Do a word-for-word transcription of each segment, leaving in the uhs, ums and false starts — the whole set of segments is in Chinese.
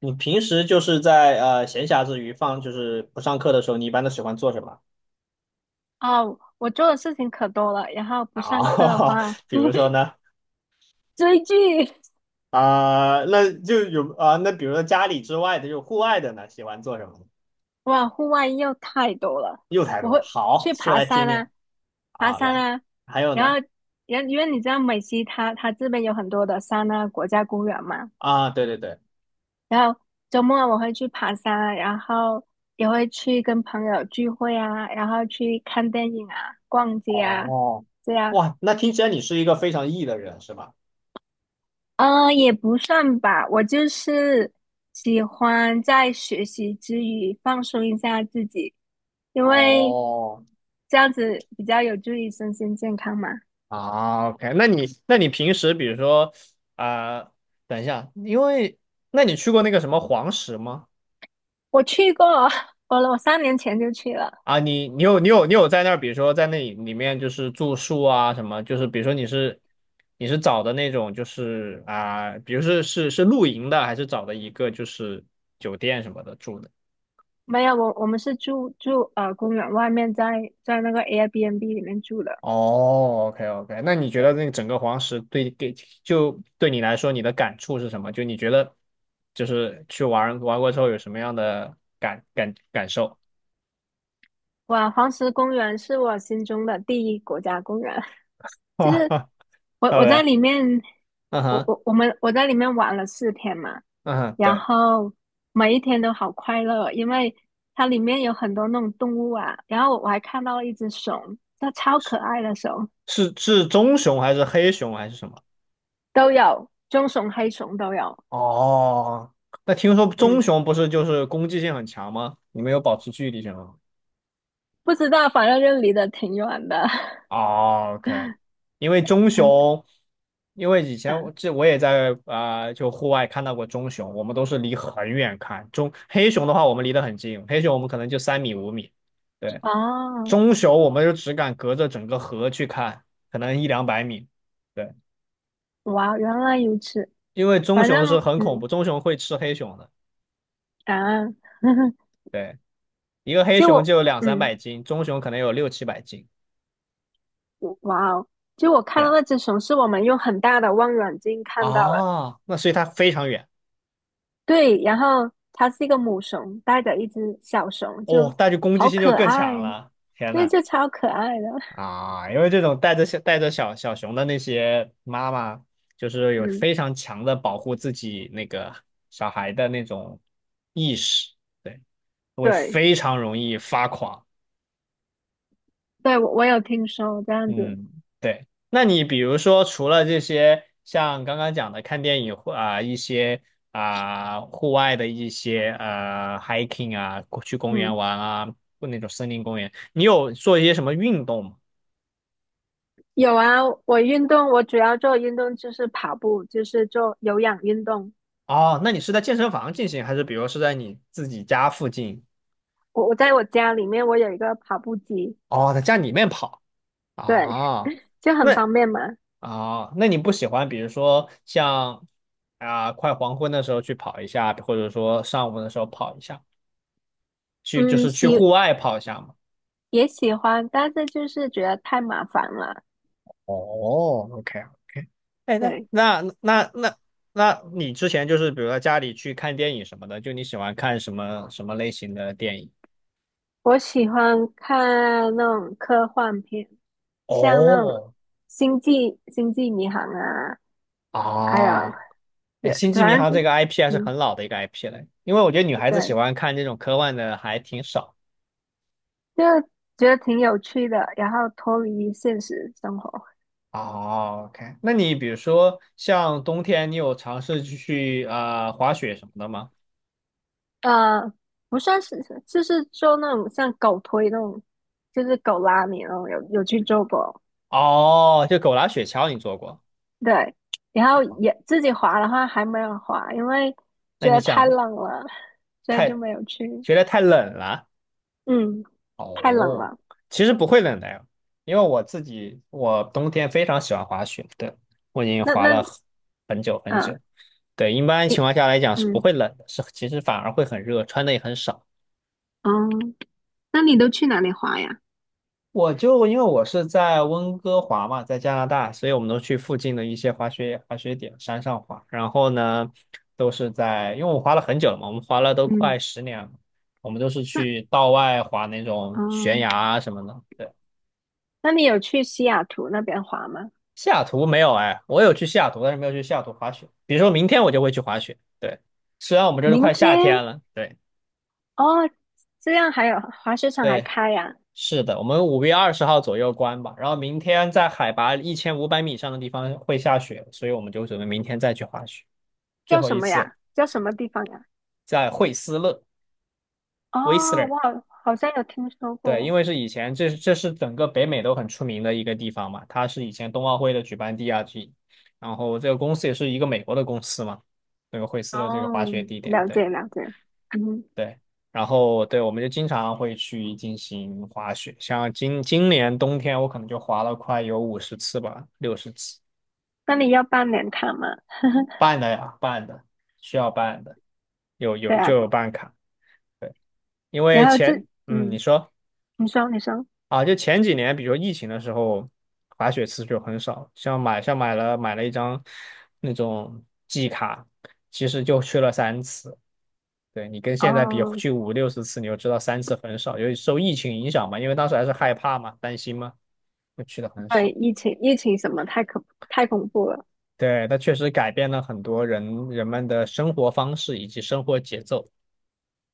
你平时就是在呃闲暇之余放就是不上课的时候，你一般都喜欢做什么哦，我做的事情可多了，然后不上课的啊？话，比如说呢。追剧，啊、那就有啊、那比如说家里之外的，就户外的呢，喜欢做什么呢？哇，户外又太多了。又太我多了，会好，去说爬来听山听。啊，爬啊。山然，啊，还有然呢？后，然后因为你知道美西它它这边有很多的山啊，国家公园嘛，啊，对对对。然后周末我会去爬山啊，然后也会去跟朋友聚会啊，然后去看电影啊，逛街啊，哦。这样。哇，那听起来你是一个非常 E 的人是吧？呃，也不算吧，我就是喜欢在学习之余放松一下自己，因为哦。这样子比较有助于身心健康嘛。啊，OK，那你那你平时比如说啊、等一下，因为那你去过那个什么黄石吗？我去过，我我三年前就去了，啊，你你有你有你有在那儿，比如说在那里里面就是住宿啊什么，就是比如说你是你是找的那种就是啊，比如是是是露营的，还是找的一个就是酒店什么的住的？没有，我我们是住住呃公园外面在，在那个 Airbnb 里面住的。哦，OK OK，那你觉得对，那个整个黄石对给就对你来说你的感触是什么？就你觉得就是去玩玩过之后有什么样的感感感受哇，黄石公园是我心中的第一国家公园。？OK，就 是哈我我在，OK，里面，嗯我哼。我我们我在里面玩了四天嘛，嗯哼，然对。后每一天都好快乐，因为它里面有很多那种动物啊，然后我还看到了一只熊，它超可爱的熊，是是棕熊还是黑熊还是什么？都有棕熊、黑熊都有，哦，那听说棕嗯，熊不是就是攻击性很强吗？你们有保持距离性吗？不知道，反正就离得挺远的，哦，OK，因为棕嗯熊，因为以前我嗯，这我也在啊、呃就户外看到过棕熊，我们都是离很远看。棕黑熊的话，我们离得很近，黑熊我们可能就三米五米，对，哦，棕熊我们就只敢隔着整个河去看，可能一两百米，对，哇，原来如此，因为棕反熊是正很恐嗯怖，棕熊会吃黑熊的，啊，对，一个 黑其实熊我就有两三嗯。百斤，棕熊可能有六七百斤。哇哦！就我看到对那只熊是我们用很大的望远镜看到了，啊，那所以它非常远。对，然后它是一个母熊带着一只小熊，哦，就那就攻击好性就可更爱，强了。天那呐。就超可爱的。啊，因为这种带着小带着小小熊的那些妈妈，就是有嗯，非常强的保护自己那个小孩的那种意识，对，会对，非常容易发狂。对，我我有听说这样子。嗯，对。那你比如说，除了这些，像刚刚讲的看电影或啊、一些啊、户外的一些呃 hiking 啊，去公园嗯，玩啊，或那种森林公园，你有做一些什么运动吗？有啊，我运动，我主要做运动就是跑步，就是做有氧运动。哦，那你是在健身房进行，还是比如是在你自己家附近？我我在我家里面我有一个跑步机，哦，在家里面跑对，啊？就很那方便嘛。啊，那你不喜欢，比如说像啊、快黄昏的时候去跑一下，或者说上午的时候跑一下？去就嗯，是去户喜外跑一下嘛。也喜欢，但是就是觉得太麻烦了。哦，OK OK，哎，那对。那那那那你之前就是比如说家里去看电影什么的，就你喜欢看什么什么类型的电影？我喜欢看那种科幻片，像那种哦。《星际星际迷航》啊，还有啊。哎，有《星际迷反航》正这就个 I P 还是嗯很老的一个 I P 了，因为我觉得女孩子喜对，欢看这种科幻的还挺少。就觉得挺有趣的，然后脱离现实生活。哦，OK，那你比如说像冬天，你有尝试去去呃滑雪什么的吗？呃，不算是就是做那种像狗推那种，就是狗拉你那种，有有去做过。哦，就狗拉雪橇你做过？对，然后也自己滑的话还没有滑，因为那觉你得太想冷了，所以就太，没有去。觉得太冷了。嗯，太冷哦，了。其实不会冷的呀，因为我自己我冬天非常喜欢滑雪，对，我已经那滑了那很很久很呃，久。对，一般情你况下来讲是不嗯会冷的，是其实反而会很热，穿的也很少。哦，那你都去哪里滑呀？我就因为我是在温哥华嘛，在加拿大，所以我们都去附近的一些滑雪滑雪点山上滑。然后呢，都是在，因为我滑了很久了嘛，我们滑了都嗯，快十年了，我们都是那去道外滑那种悬哦，崖啊什么的。对。那你有去西雅图那边滑吗？西雅图没有哎，我有去西雅图，但是没有去西雅图滑雪。比如说明天我就会去滑雪。对，虽然我们这都明快夏天天了，对。哦，这样还有滑雪场还对，开呀？是的，我们五月二十号左右关吧，然后明天在海拔一千五百米以上的地方会下雪，所以我们就准备明天再去滑雪，最叫后什一么次。呀？叫什么地方呀？在惠斯勒。 w h 哦，i 我好好像有听说对，因过。为是以前这是这是整个北美都很出名的一个地方嘛，它是以前冬奥会的举办地啊，这然后这个公司也是一个美国的公司嘛，那个惠斯勒这个滑哦，雪地点，了对。解了解。嗯，对，然后对，我们就经常会去进行滑雪，像今今年冬天，我可能就滑了快有五十次吧，六十次。那你要办年卡吗？办的呀，办的，需要办的，有对有啊，就不有办卡，对，因然为后这前，嗯，你嗯，说你说你说啊，就前几年，比如疫情的时候，滑雪次数就很少，像买像买了买了一张那种季卡，其实就去了三次。对你跟现在比，哦，去五六十次，你就知道三次很少，由于受疫情影响嘛，因为当时还是害怕嘛，担心嘛，就去的很对，少。疫情疫情什么太可太恐怖了。对，它确实改变了很多人人们的生活方式以及生活节奏。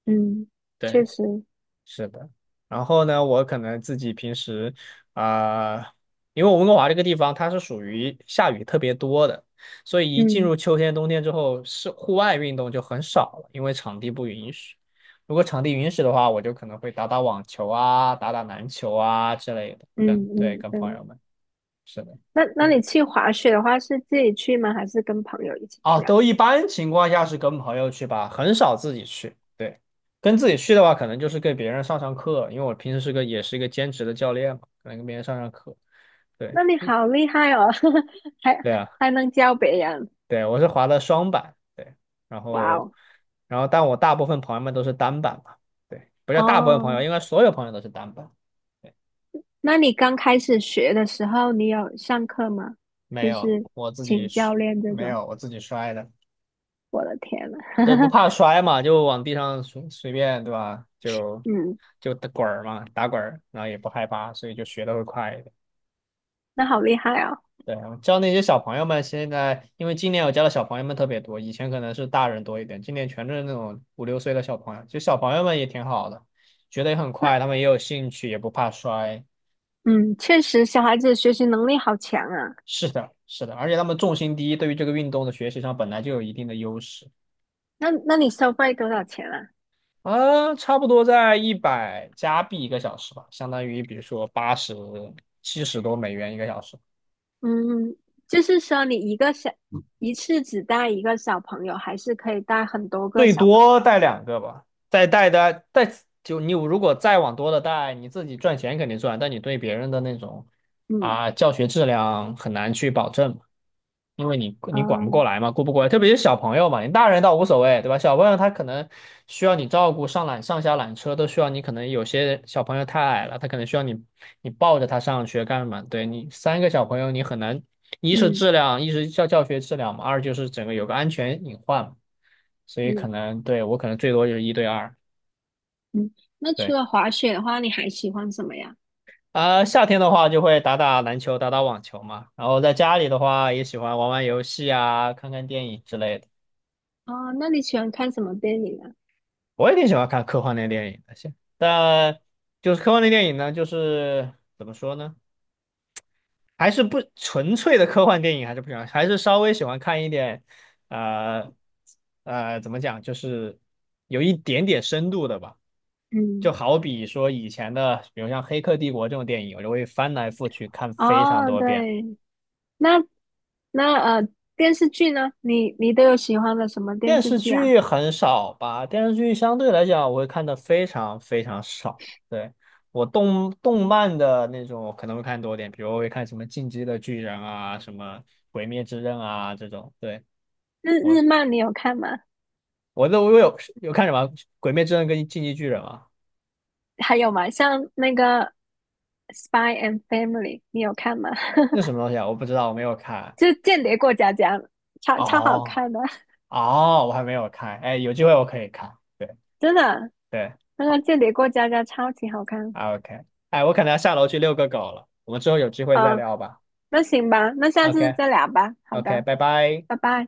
嗯，确对。实，是的，然后呢，我可能自己平时啊、呃因为我温哥华这个地方它是属于下雨特别多的，所以一进嗯入秋天、冬天之后，是户外运动就很少了，因为场地不允许。如果场地允许的话，我就可能会打打网球啊、打打篮球啊之类的，跟嗯对嗯，跟朋嗯。友们。是的。那那你去滑雪的话，是自己去吗？还是跟朋友一起啊，去啊？都一般情况下是跟朋友去吧，很少自己去。对，跟自己去的话，可能就是给别人上上课，因为我平时是个也是一个兼职的教练嘛，可能跟别人上上课。对，那你嗯。好厉害哦，还对啊，还能教别人，对，我是滑的双板，对，然哇后，哦！然后，但我大部分朋友们都是单板嘛，对，不叫大部分朋友，哦，应该所有朋友都是单板。对，那你刚开始学的时候，你有上课吗？没就有，是我自己请是。教练这没种，有，我自己摔的。我的天呐，对，不怕摔嘛，就往地上随随便，对吧？就嗯，就打滚儿嘛，打滚儿，然后也不害怕，所以就学的会快一点。那好厉害哦。对啊，我教那些小朋友们，现在因为今年我教的小朋友们特别多，以前可能是大人多一点，今年全是那种五六岁的小朋友，就小朋友们也挺好的，学的也很那快，他们也有兴趣，也不怕摔。嗯，确实小孩子学习能力好强啊。是的，是的，而且他们重心低，对于这个运动的学习上本来就有一定的优势。那那你收费多少钱啊？啊，差不多在一百加币一个小时吧，相当于比如说八十、七十多美元一个小时，嗯，就是说你一个小，一次只带一个小朋友，还是可以带很多个最小朋多带两个吧。再带的带，就你如果再往多的带，你自己赚钱肯定赚，但你对别人的那种。友？嗯，啊，教学质量很难去保证嘛，因为你你管不哦，过来嘛，顾不过来，特别是小朋友嘛，你大人倒无所谓，对吧？小朋友他可能需要你照顾，上缆上下缆车都需要你，可能有些小朋友太矮了，他可能需要你你抱着他上学干嘛？对你三个小朋友，你很难，一是嗯质量，一是教教学质量嘛，二就是整个有个安全隐患嘛，所以可嗯能对我可能最多就是一对二，嗯。那除对。了滑雪的话，你还喜欢什么呀？啊、夏天的话就会打打篮球、打打网球嘛，然后在家里的话也喜欢玩玩游戏啊、看看电影之类的。哦，那你喜欢看什么电影啊？我也挺喜欢看科幻类电影的，现但就是科幻类电影呢，就是怎么说呢，还是不纯粹的科幻电影，还是不喜欢，还是稍微喜欢看一点，呃呃，怎么讲，就是有一点点深度的吧。就嗯，好比说以前的，比如像《黑客帝国》这种电影，我就会翻来覆去看非常哦，多遍。对，那那呃，电视剧呢？你你都有喜欢的什么电电视视剧啊？剧很少吧？电视剧相对来讲，我会看的非常非常少。对，我动动嗯，漫的那种我可能会看多点，比如我会看什么《进击的巨人》啊，什么《鬼灭之刃》啊这种。对，日日我漫你有看吗？我都我有有看什么《鬼灭之刃》跟《进击巨人》啊？还有吗？像那个《Spy and Family》,你有看吗？那什 么东西啊？我不知道，我没有看。就《间谍过家家》超超好哦。看的，哦，我还没有看。哎，有机会我可以看。对。真的，对，那个好 《间谍过家家》超级好看。o k 哎，我可能要下楼去遛个狗了，我们之后有机会再啊。聊吧。那行吧，那下次 OK 再聊吧。好 OK，的，拜拜。拜拜。